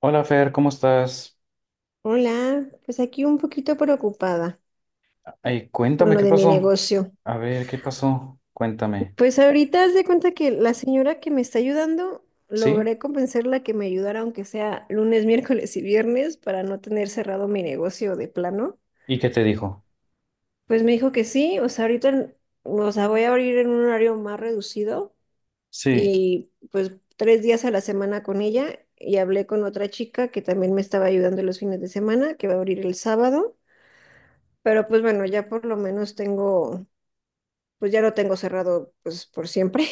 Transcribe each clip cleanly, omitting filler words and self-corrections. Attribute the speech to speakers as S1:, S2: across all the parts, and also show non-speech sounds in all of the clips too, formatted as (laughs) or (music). S1: Hola Fer, ¿cómo estás?
S2: Hola, pues aquí un poquito preocupada
S1: Ay,
S2: con
S1: cuéntame
S2: lo
S1: qué
S2: de mi
S1: pasó.
S2: negocio.
S1: A ver, ¿qué pasó? Cuéntame.
S2: Pues ahorita haz de cuenta que la señora que me está ayudando,
S1: ¿Sí?
S2: logré convencerla que me ayudara aunque sea lunes, (laughs) miércoles y viernes para no tener cerrado mi negocio de plano.
S1: ¿Y qué te dijo?
S2: Pues me dijo que sí, o sea, ahorita, o sea, voy a abrir en un horario más reducido
S1: Sí.
S2: y pues tres días a la semana con ella, y hablé con otra chica que también me estaba ayudando los fines de semana, que va a abrir el sábado. Pero pues bueno, ya por lo menos tengo, pues ya lo tengo cerrado pues por siempre.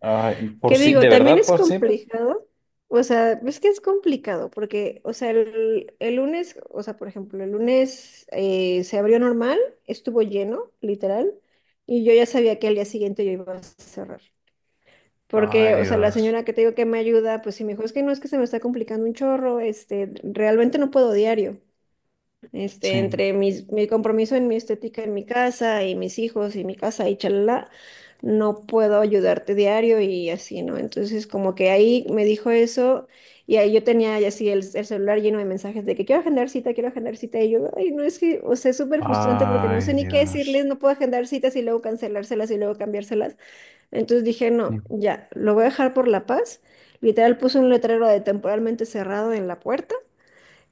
S1: Ay,
S2: (laughs)
S1: por
S2: ¿Qué
S1: si, ¿de
S2: digo? También
S1: verdad
S2: es
S1: por siempre?
S2: complicado. O sea, es que es complicado porque, o sea, el lunes, o sea, por ejemplo, el lunes se abrió normal, estuvo lleno, literal, y yo ya sabía que al día siguiente yo iba a cerrar.
S1: Ay,
S2: Porque, o sea, la
S1: Dios.
S2: señora que te digo que me ayuda, pues sí me dijo, es que no es que se me está complicando un chorro, este, realmente no puedo diario. Este,
S1: Sí.
S2: entre mi compromiso en mi estética, en mi casa y mis hijos y mi casa y chalala, no puedo ayudarte diario y así, ¿no? Entonces, como que ahí me dijo eso, y ahí yo tenía ya así el celular lleno de mensajes de que quiero agendar cita, quiero agendar cita, y yo, ay, no es que, o sea, es súper frustrante porque no sé
S1: Ay,
S2: ni qué decirles,
S1: Dios.
S2: no puedo agendar citas y luego cancelárselas y luego cambiárselas. Entonces dije, no,
S1: Sí.
S2: ya, lo voy a dejar por la paz. Literal puse un letrero de temporalmente cerrado en la puerta.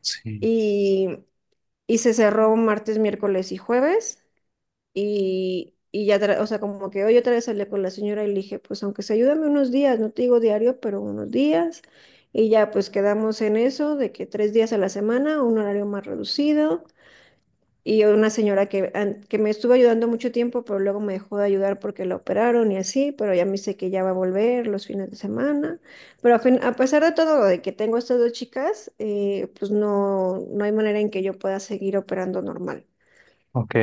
S1: Sí.
S2: Y y se cerró martes, miércoles y jueves. Y ya, o sea, como que hoy otra vez hablé con la señora y le dije, pues aunque se ayúdame unos días, no te digo diario, pero unos días. Y ya pues quedamos en eso, de que tres días a la semana, un horario más reducido. Y una señora que, que me estuvo ayudando mucho tiempo, pero luego me dejó de ayudar porque la operaron y así, pero ya me dice que ya va a volver los fines de semana. Pero a pesar de todo, de que tengo estas dos chicas, pues no, no hay manera en que yo pueda seguir operando normal.
S1: Ok.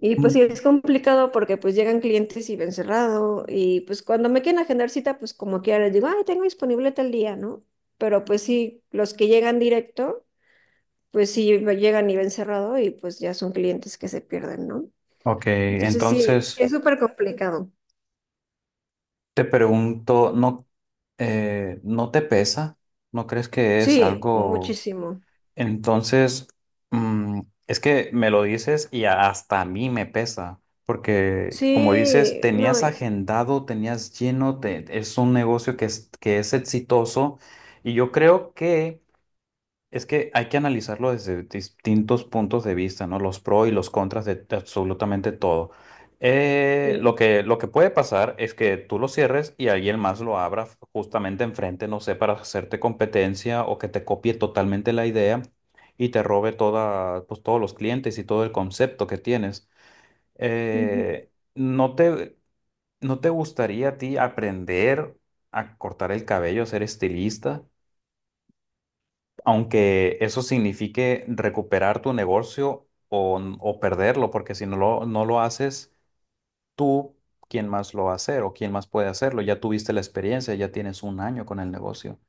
S2: Y pues sí,
S1: Mm,
S2: es complicado porque pues llegan clientes y ven cerrado, y pues cuando me quieren agendar cita, pues como quiera les digo, ay, tengo disponible tal día, ¿no? Pero pues sí, los que llegan directo, pues sí me llegan y ven cerrado, y pues ya son clientes que se pierden, ¿no?
S1: ok,
S2: Entonces sí,
S1: entonces
S2: es súper complicado.
S1: te pregunto, ¿no, no te pesa? ¿No crees que es
S2: Sí,
S1: algo?
S2: muchísimo.
S1: Entonces, mm, es que me lo dices y hasta a mí me pesa, porque como dices,
S2: Sí, no,
S1: tenías
S2: y-
S1: agendado, tenías lleno, es un negocio que es exitoso y yo creo que es que hay que analizarlo desde distintos puntos de vista, ¿no? Los pros y los contras de absolutamente todo. Lo
S2: sí.
S1: que, lo que puede pasar es que tú lo cierres y alguien más lo abra justamente enfrente, no sé, para hacerte competencia o que te copie totalmente la idea y te robe toda, pues, todos los clientes y todo el concepto que tienes.
S2: Ujú.
S1: ¿No te, no te gustaría a ti aprender a cortar el cabello, a ser estilista? Aunque eso signifique recuperar tu negocio o perderlo, porque si no lo, no lo haces tú, ¿quién más lo va a hacer o quién más puede hacerlo? Ya tuviste la experiencia, ya tienes 1 año con el negocio.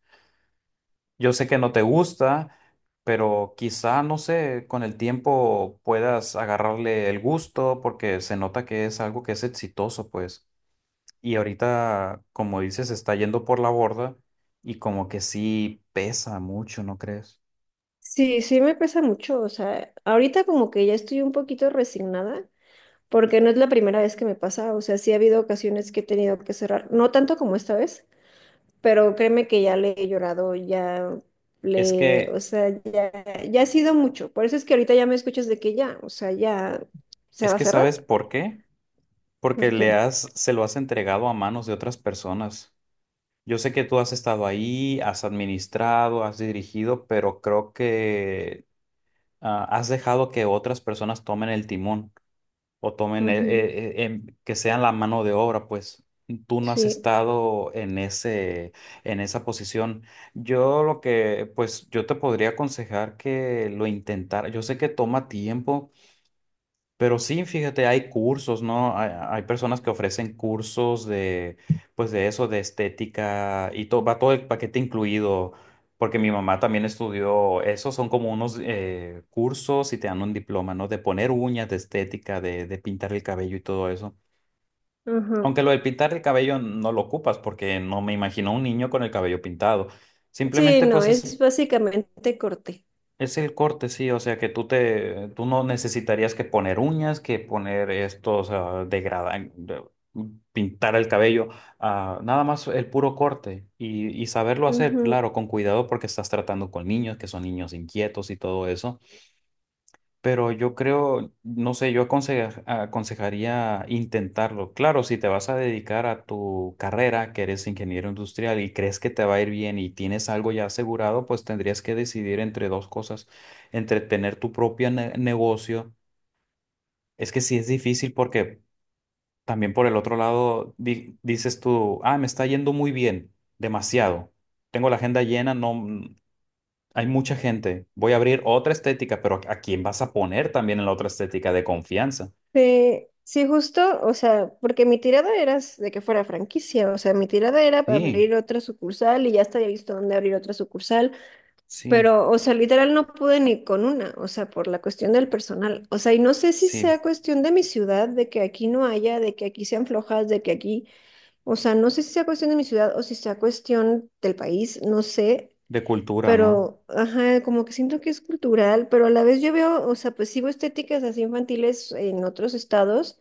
S1: Yo sé que no te gusta, pero quizá, no sé, con el tiempo puedas agarrarle el gusto porque se nota que es algo que es exitoso, pues. Y ahorita, como dices, está yendo por la borda y como que sí pesa mucho, ¿no crees?
S2: Sí, sí me pesa mucho, o sea, ahorita como que ya estoy un poquito resignada porque no es la primera vez que me pasa, o sea, sí ha habido ocasiones que he tenido que cerrar, no tanto como esta vez, pero créeme que ya le he llorado, ya
S1: Es
S2: le,
S1: que,
S2: o sea, ya, ya ha sido mucho, por eso es que ahorita ya me escuchas de que ya, o sea, ya se
S1: es
S2: va a
S1: que ¿sabes
S2: cerrar,
S1: por qué? Porque
S2: porque,
S1: le has, se lo has entregado a manos de otras personas. Yo sé que tú has estado ahí, has administrado, has dirigido, pero creo que ah, has dejado que otras personas tomen el timón o tomen,
S2: ujú,
S1: que sean la mano de obra, pues tú no has
S2: sí,
S1: estado en ese, en esa posición. Yo lo que, pues yo te podría aconsejar que lo intentara. Yo sé que toma tiempo, pero sí, fíjate, hay cursos, ¿no? Hay personas que ofrecen cursos de, pues de eso, de estética y todo, va todo el paquete incluido, porque mi mamá también estudió eso, son como unos cursos y te dan un diploma, ¿no? De poner uñas, de estética, de pintar el cabello y todo eso.
S2: ajá.
S1: Aunque lo de pintar el cabello no lo ocupas, porque no me imagino un niño con el cabello pintado.
S2: Sí,
S1: Simplemente,
S2: no,
S1: pues es
S2: es básicamente corte.
S1: es el corte, sí, o sea que tú te, tú no necesitarías que poner uñas, que poner estos ah, pintar el cabello, ah, nada más el puro corte y saberlo hacer,
S2: Ujú.
S1: claro, con cuidado porque estás tratando con niños que son niños inquietos y todo eso. Pero yo creo, no sé, yo aconsejaría intentarlo. Claro, si te vas a dedicar a tu carrera, que eres ingeniero industrial y crees que te va a ir bien y tienes algo ya asegurado, pues tendrías que decidir entre dos cosas, entre tener tu propio negocio. Es que sí es difícil porque también por el otro lado dices tú, ah, me está yendo muy bien, demasiado. Tengo la agenda llena, no, hay mucha gente. Voy a abrir otra estética, pero ¿a quién vas a poner también en la otra estética de confianza?
S2: Sí, sí, justo, o sea, porque mi tirada era de que fuera franquicia, o sea, mi tirada era
S1: Sí,
S2: abrir otra sucursal y ya hasta había visto dónde abrir otra sucursal.
S1: sí,
S2: Pero, o sea, literal no pude ni con una, o sea, por la cuestión del personal. O sea, y no sé si
S1: sí,
S2: sea cuestión de mi ciudad, de que aquí no haya, de que aquí sean flojas, de que aquí, o sea, no sé si sea cuestión de mi ciudad o si sea cuestión del país, no sé,
S1: de cultura, ¿no?
S2: pero, ajá, como que siento que es cultural, pero a la vez yo veo, o sea, pues sí veo estéticas así infantiles en otros estados.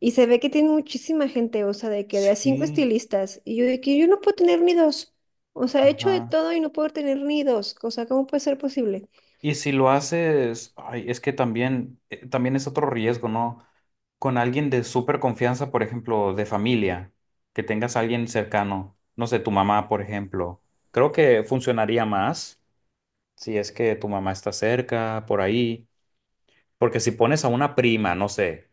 S2: Y se ve que tiene muchísima gente, o sea, de que de a cinco
S1: Sí,
S2: estilistas. Y yo de que yo no puedo tener ni dos. O sea, he hecho de
S1: ajá.
S2: todo y no puedo tener ni dos. O sea, ¿cómo puede ser posible?
S1: Y si lo haces, ay, es que también, también es otro riesgo, ¿no? Con alguien de súper confianza, por ejemplo, de familia, que tengas a alguien cercano, no sé, tu mamá, por ejemplo. Creo que funcionaría más si es que tu mamá está cerca, por ahí. Porque si pones a una prima, no sé.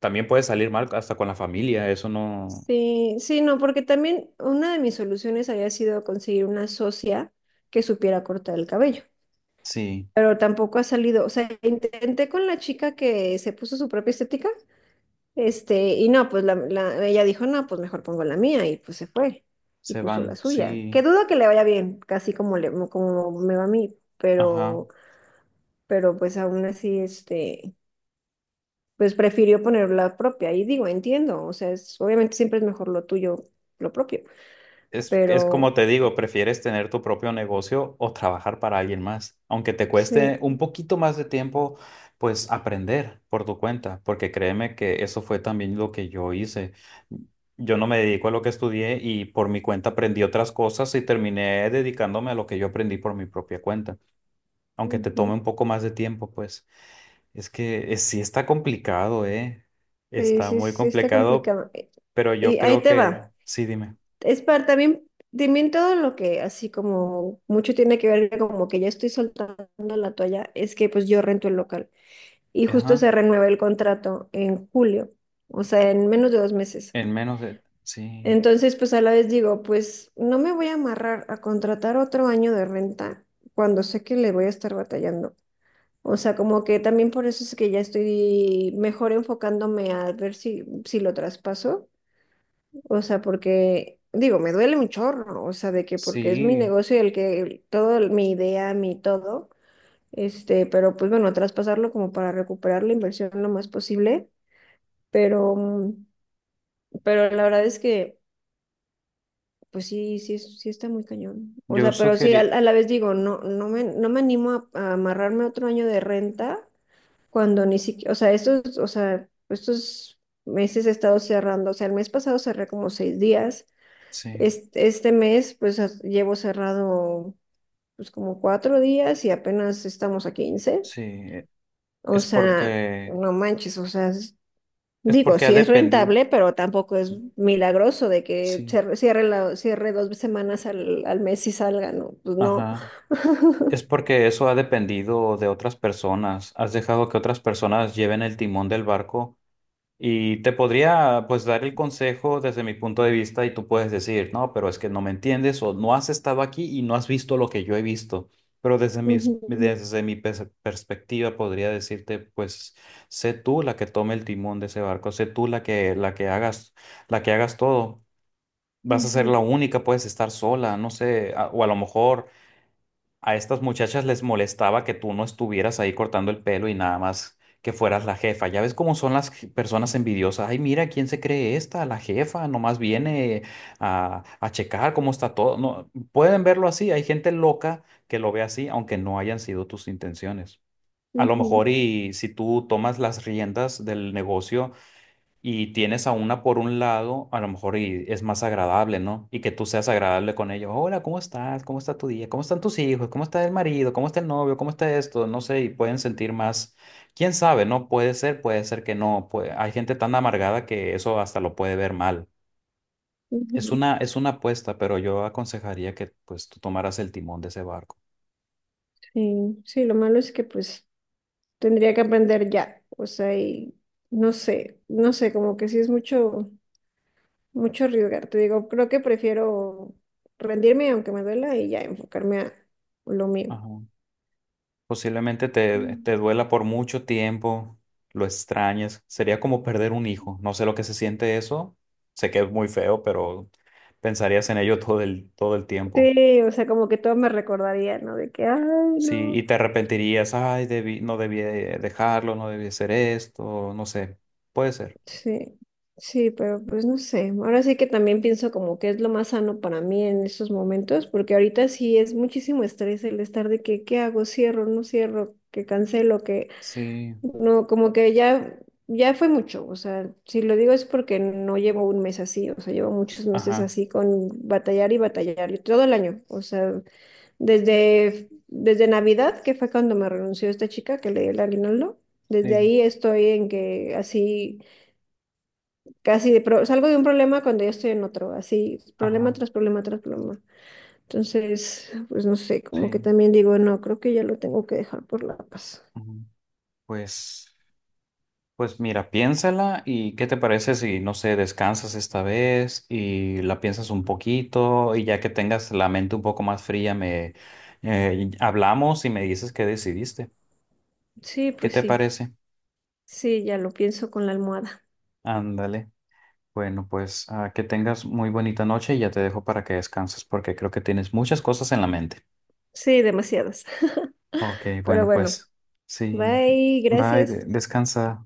S1: También puede salir mal hasta con la familia, eso no.
S2: Sí, sí, no, porque también una de mis soluciones había sido conseguir una socia que supiera cortar el cabello.
S1: Sí,
S2: Pero tampoco ha salido. O sea, intenté con la chica que se puso su propia estética. Este, y no, pues ella dijo, no, pues mejor pongo la mía, y pues se fue y
S1: se
S2: puso la
S1: van,
S2: suya. Que
S1: sí.
S2: dudo que le vaya bien, casi como, le, como me va a mí,
S1: Ajá.
S2: pero pues aún así, este, pues prefirió poner la propia. Y digo, entiendo, o sea, obviamente siempre es mejor lo tuyo, lo propio,
S1: Es como
S2: pero
S1: te digo, prefieres tener tu propio negocio o trabajar para alguien más, aunque te
S2: sí,
S1: cueste un poquito más de tiempo, pues aprender por tu cuenta, porque créeme que eso fue también lo que yo hice. Yo no me dedico a lo que estudié y por mi cuenta aprendí otras cosas y terminé dedicándome a lo que yo aprendí por mi propia cuenta, aunque te
S2: ujú.
S1: tome un poco más de tiempo, pues. Es que sí está complicado, ¿eh?
S2: Sí,
S1: Está
S2: sí,
S1: muy
S2: sí, está
S1: complicado,
S2: complicado.
S1: pero yo
S2: Y ahí
S1: creo
S2: te
S1: que
S2: va.
S1: sí, dime.
S2: Es para también, también todo lo que así como mucho tiene que ver como que ya estoy soltando la toalla, es que pues yo rento el local y justo
S1: Ajá,
S2: se renueva el contrato en julio, o sea, en menos de 2 meses.
S1: en menos de... Sí,
S2: Entonces, pues a la vez digo, pues no me voy a amarrar a contratar otro año de renta cuando sé que le voy a estar batallando. O sea, como que también por eso es que ya estoy mejor enfocándome a ver si, si lo traspaso, o sea, porque, digo, me duele mi chorro, o sea, de que porque es mi
S1: sí,
S2: negocio y el que todo, mi idea, mi todo, este, pero pues bueno, traspasarlo como para recuperar la inversión lo más posible, pero, pero la verdad es que, pues sí, sí, sí está muy cañón. O
S1: yo
S2: sea, pero sí,
S1: sugerí...
S2: a la vez digo, no, no me animo a amarrarme otro año de renta cuando ni siquiera, o sea, estos meses he estado cerrando, o sea, el mes pasado cerré como 6 días.
S1: Sí,
S2: Este, este mes, pues llevo cerrado pues como 4 días y apenas estamos a 15.
S1: sí,
S2: O
S1: es
S2: sea,
S1: porque...
S2: no manches, o sea, es-
S1: Es
S2: digo,
S1: porque ha
S2: sí es
S1: dependido.
S2: rentable, pero tampoco es milagroso de que
S1: Sí,
S2: cierre, la, cierre 2 semanas al mes y salga, no, pues no.
S1: ajá.
S2: (laughs)
S1: Es porque eso ha dependido de otras personas. Has dejado que otras personas lleven el timón del barco. Y te podría pues dar el consejo desde mi punto de vista y tú puedes decir, no, pero es que no me entiendes o no has estado aquí y no has visto lo que yo he visto. Pero desde mi,
S2: Ujú,
S1: desde perspectiva podría decirte, pues sé tú la que tome el timón de ese barco, sé tú la que hagas todo. Vas a ser
S2: ujú,
S1: la única, puedes estar sola, no sé, o a lo mejor a estas muchachas les molestaba que tú no estuvieras ahí cortando el pelo y nada más que fueras la jefa. Ya ves cómo son las personas envidiosas. Ay, mira, ¿quién se cree esta? La jefa, nomás viene a checar cómo está todo. No, pueden verlo así. Hay gente loca que lo ve así, aunque no hayan sido tus intenciones. A lo
S2: ujú,
S1: mejor y si tú tomas las riendas del negocio, y tienes a una por un lado, a lo mejor y es más agradable, ¿no? Y que tú seas agradable con ellos. Hola, ¿cómo estás? ¿Cómo está tu día? ¿Cómo están tus hijos? ¿Cómo está el marido? ¿Cómo está el novio? ¿Cómo está esto? No sé, y pueden sentir más. ¿Quién sabe? No puede ser, puede ser que no. Puede... Hay gente tan amargada que eso hasta lo puede ver mal.
S2: ujú.
S1: Es una apuesta, pero yo aconsejaría que pues tú tomaras el timón de ese barco.
S2: Sí, sí, lo malo es que pues tendría que aprender ya, o sea, y no sé, como que sí es mucho. Mucho arriesgar. Te digo, creo que prefiero rendirme aunque me duela y ya enfocarme a lo mío.
S1: Ajá. Posiblemente te,
S2: Mm.
S1: te duela por mucho tiempo, lo extrañes. Sería como perder un hijo. No sé lo que se siente eso. Sé que es muy feo, pero pensarías en ello (laughs) todo el tiempo.
S2: Sí, o sea, como que todo me recordaría, ¿no? De que, ay,
S1: Sí,
S2: no.
S1: y te arrepentirías. Ay, debí, no debí dejarlo, no debí hacer esto, no sé. Puede ser.
S2: Sí, sí, pero pues no sé. Ahora sí que también pienso como que es lo más sano para mí en estos momentos, porque ahorita sí es muchísimo estrés el estar de que, ¿qué hago? Cierro, no cierro, que cancelo, que
S1: Sí,
S2: no, como que ya, ya fue mucho, o sea, si lo digo es porque no llevo un mes así, o sea, llevo muchos meses
S1: ajá,
S2: así con batallar y batallar, y todo el año, o sea, desde Navidad, que fue cuando me renunció esta chica que le di el aguinaldo, desde
S1: sí,
S2: ahí estoy en que así, casi de salgo de un problema cuando ya estoy en otro, así, problema
S1: ajá,
S2: tras problema tras problema. Entonces, pues no sé, como que
S1: sí.
S2: también digo, no, creo que ya lo tengo que dejar por la paz.
S1: Ujú. Pues. Pues mira, piénsala y qué te parece si, no sé, descansas esta vez y la piensas un poquito y ya que tengas la mente un poco más fría, me hablamos y me dices qué decidiste.
S2: Sí,
S1: ¿Qué
S2: pues
S1: te
S2: sí,
S1: parece?
S2: sí, ya lo pienso con la almohada.
S1: Ándale. Bueno, pues ah, que tengas muy bonita noche y ya te dejo para que descanses porque creo que tienes muchas cosas en la mente.
S2: Sí, demasiadas. (laughs)
S1: Ok,
S2: Pero
S1: bueno,
S2: bueno,
S1: pues sí.
S2: bye,
S1: Bye,
S2: gracias.
S1: descansa.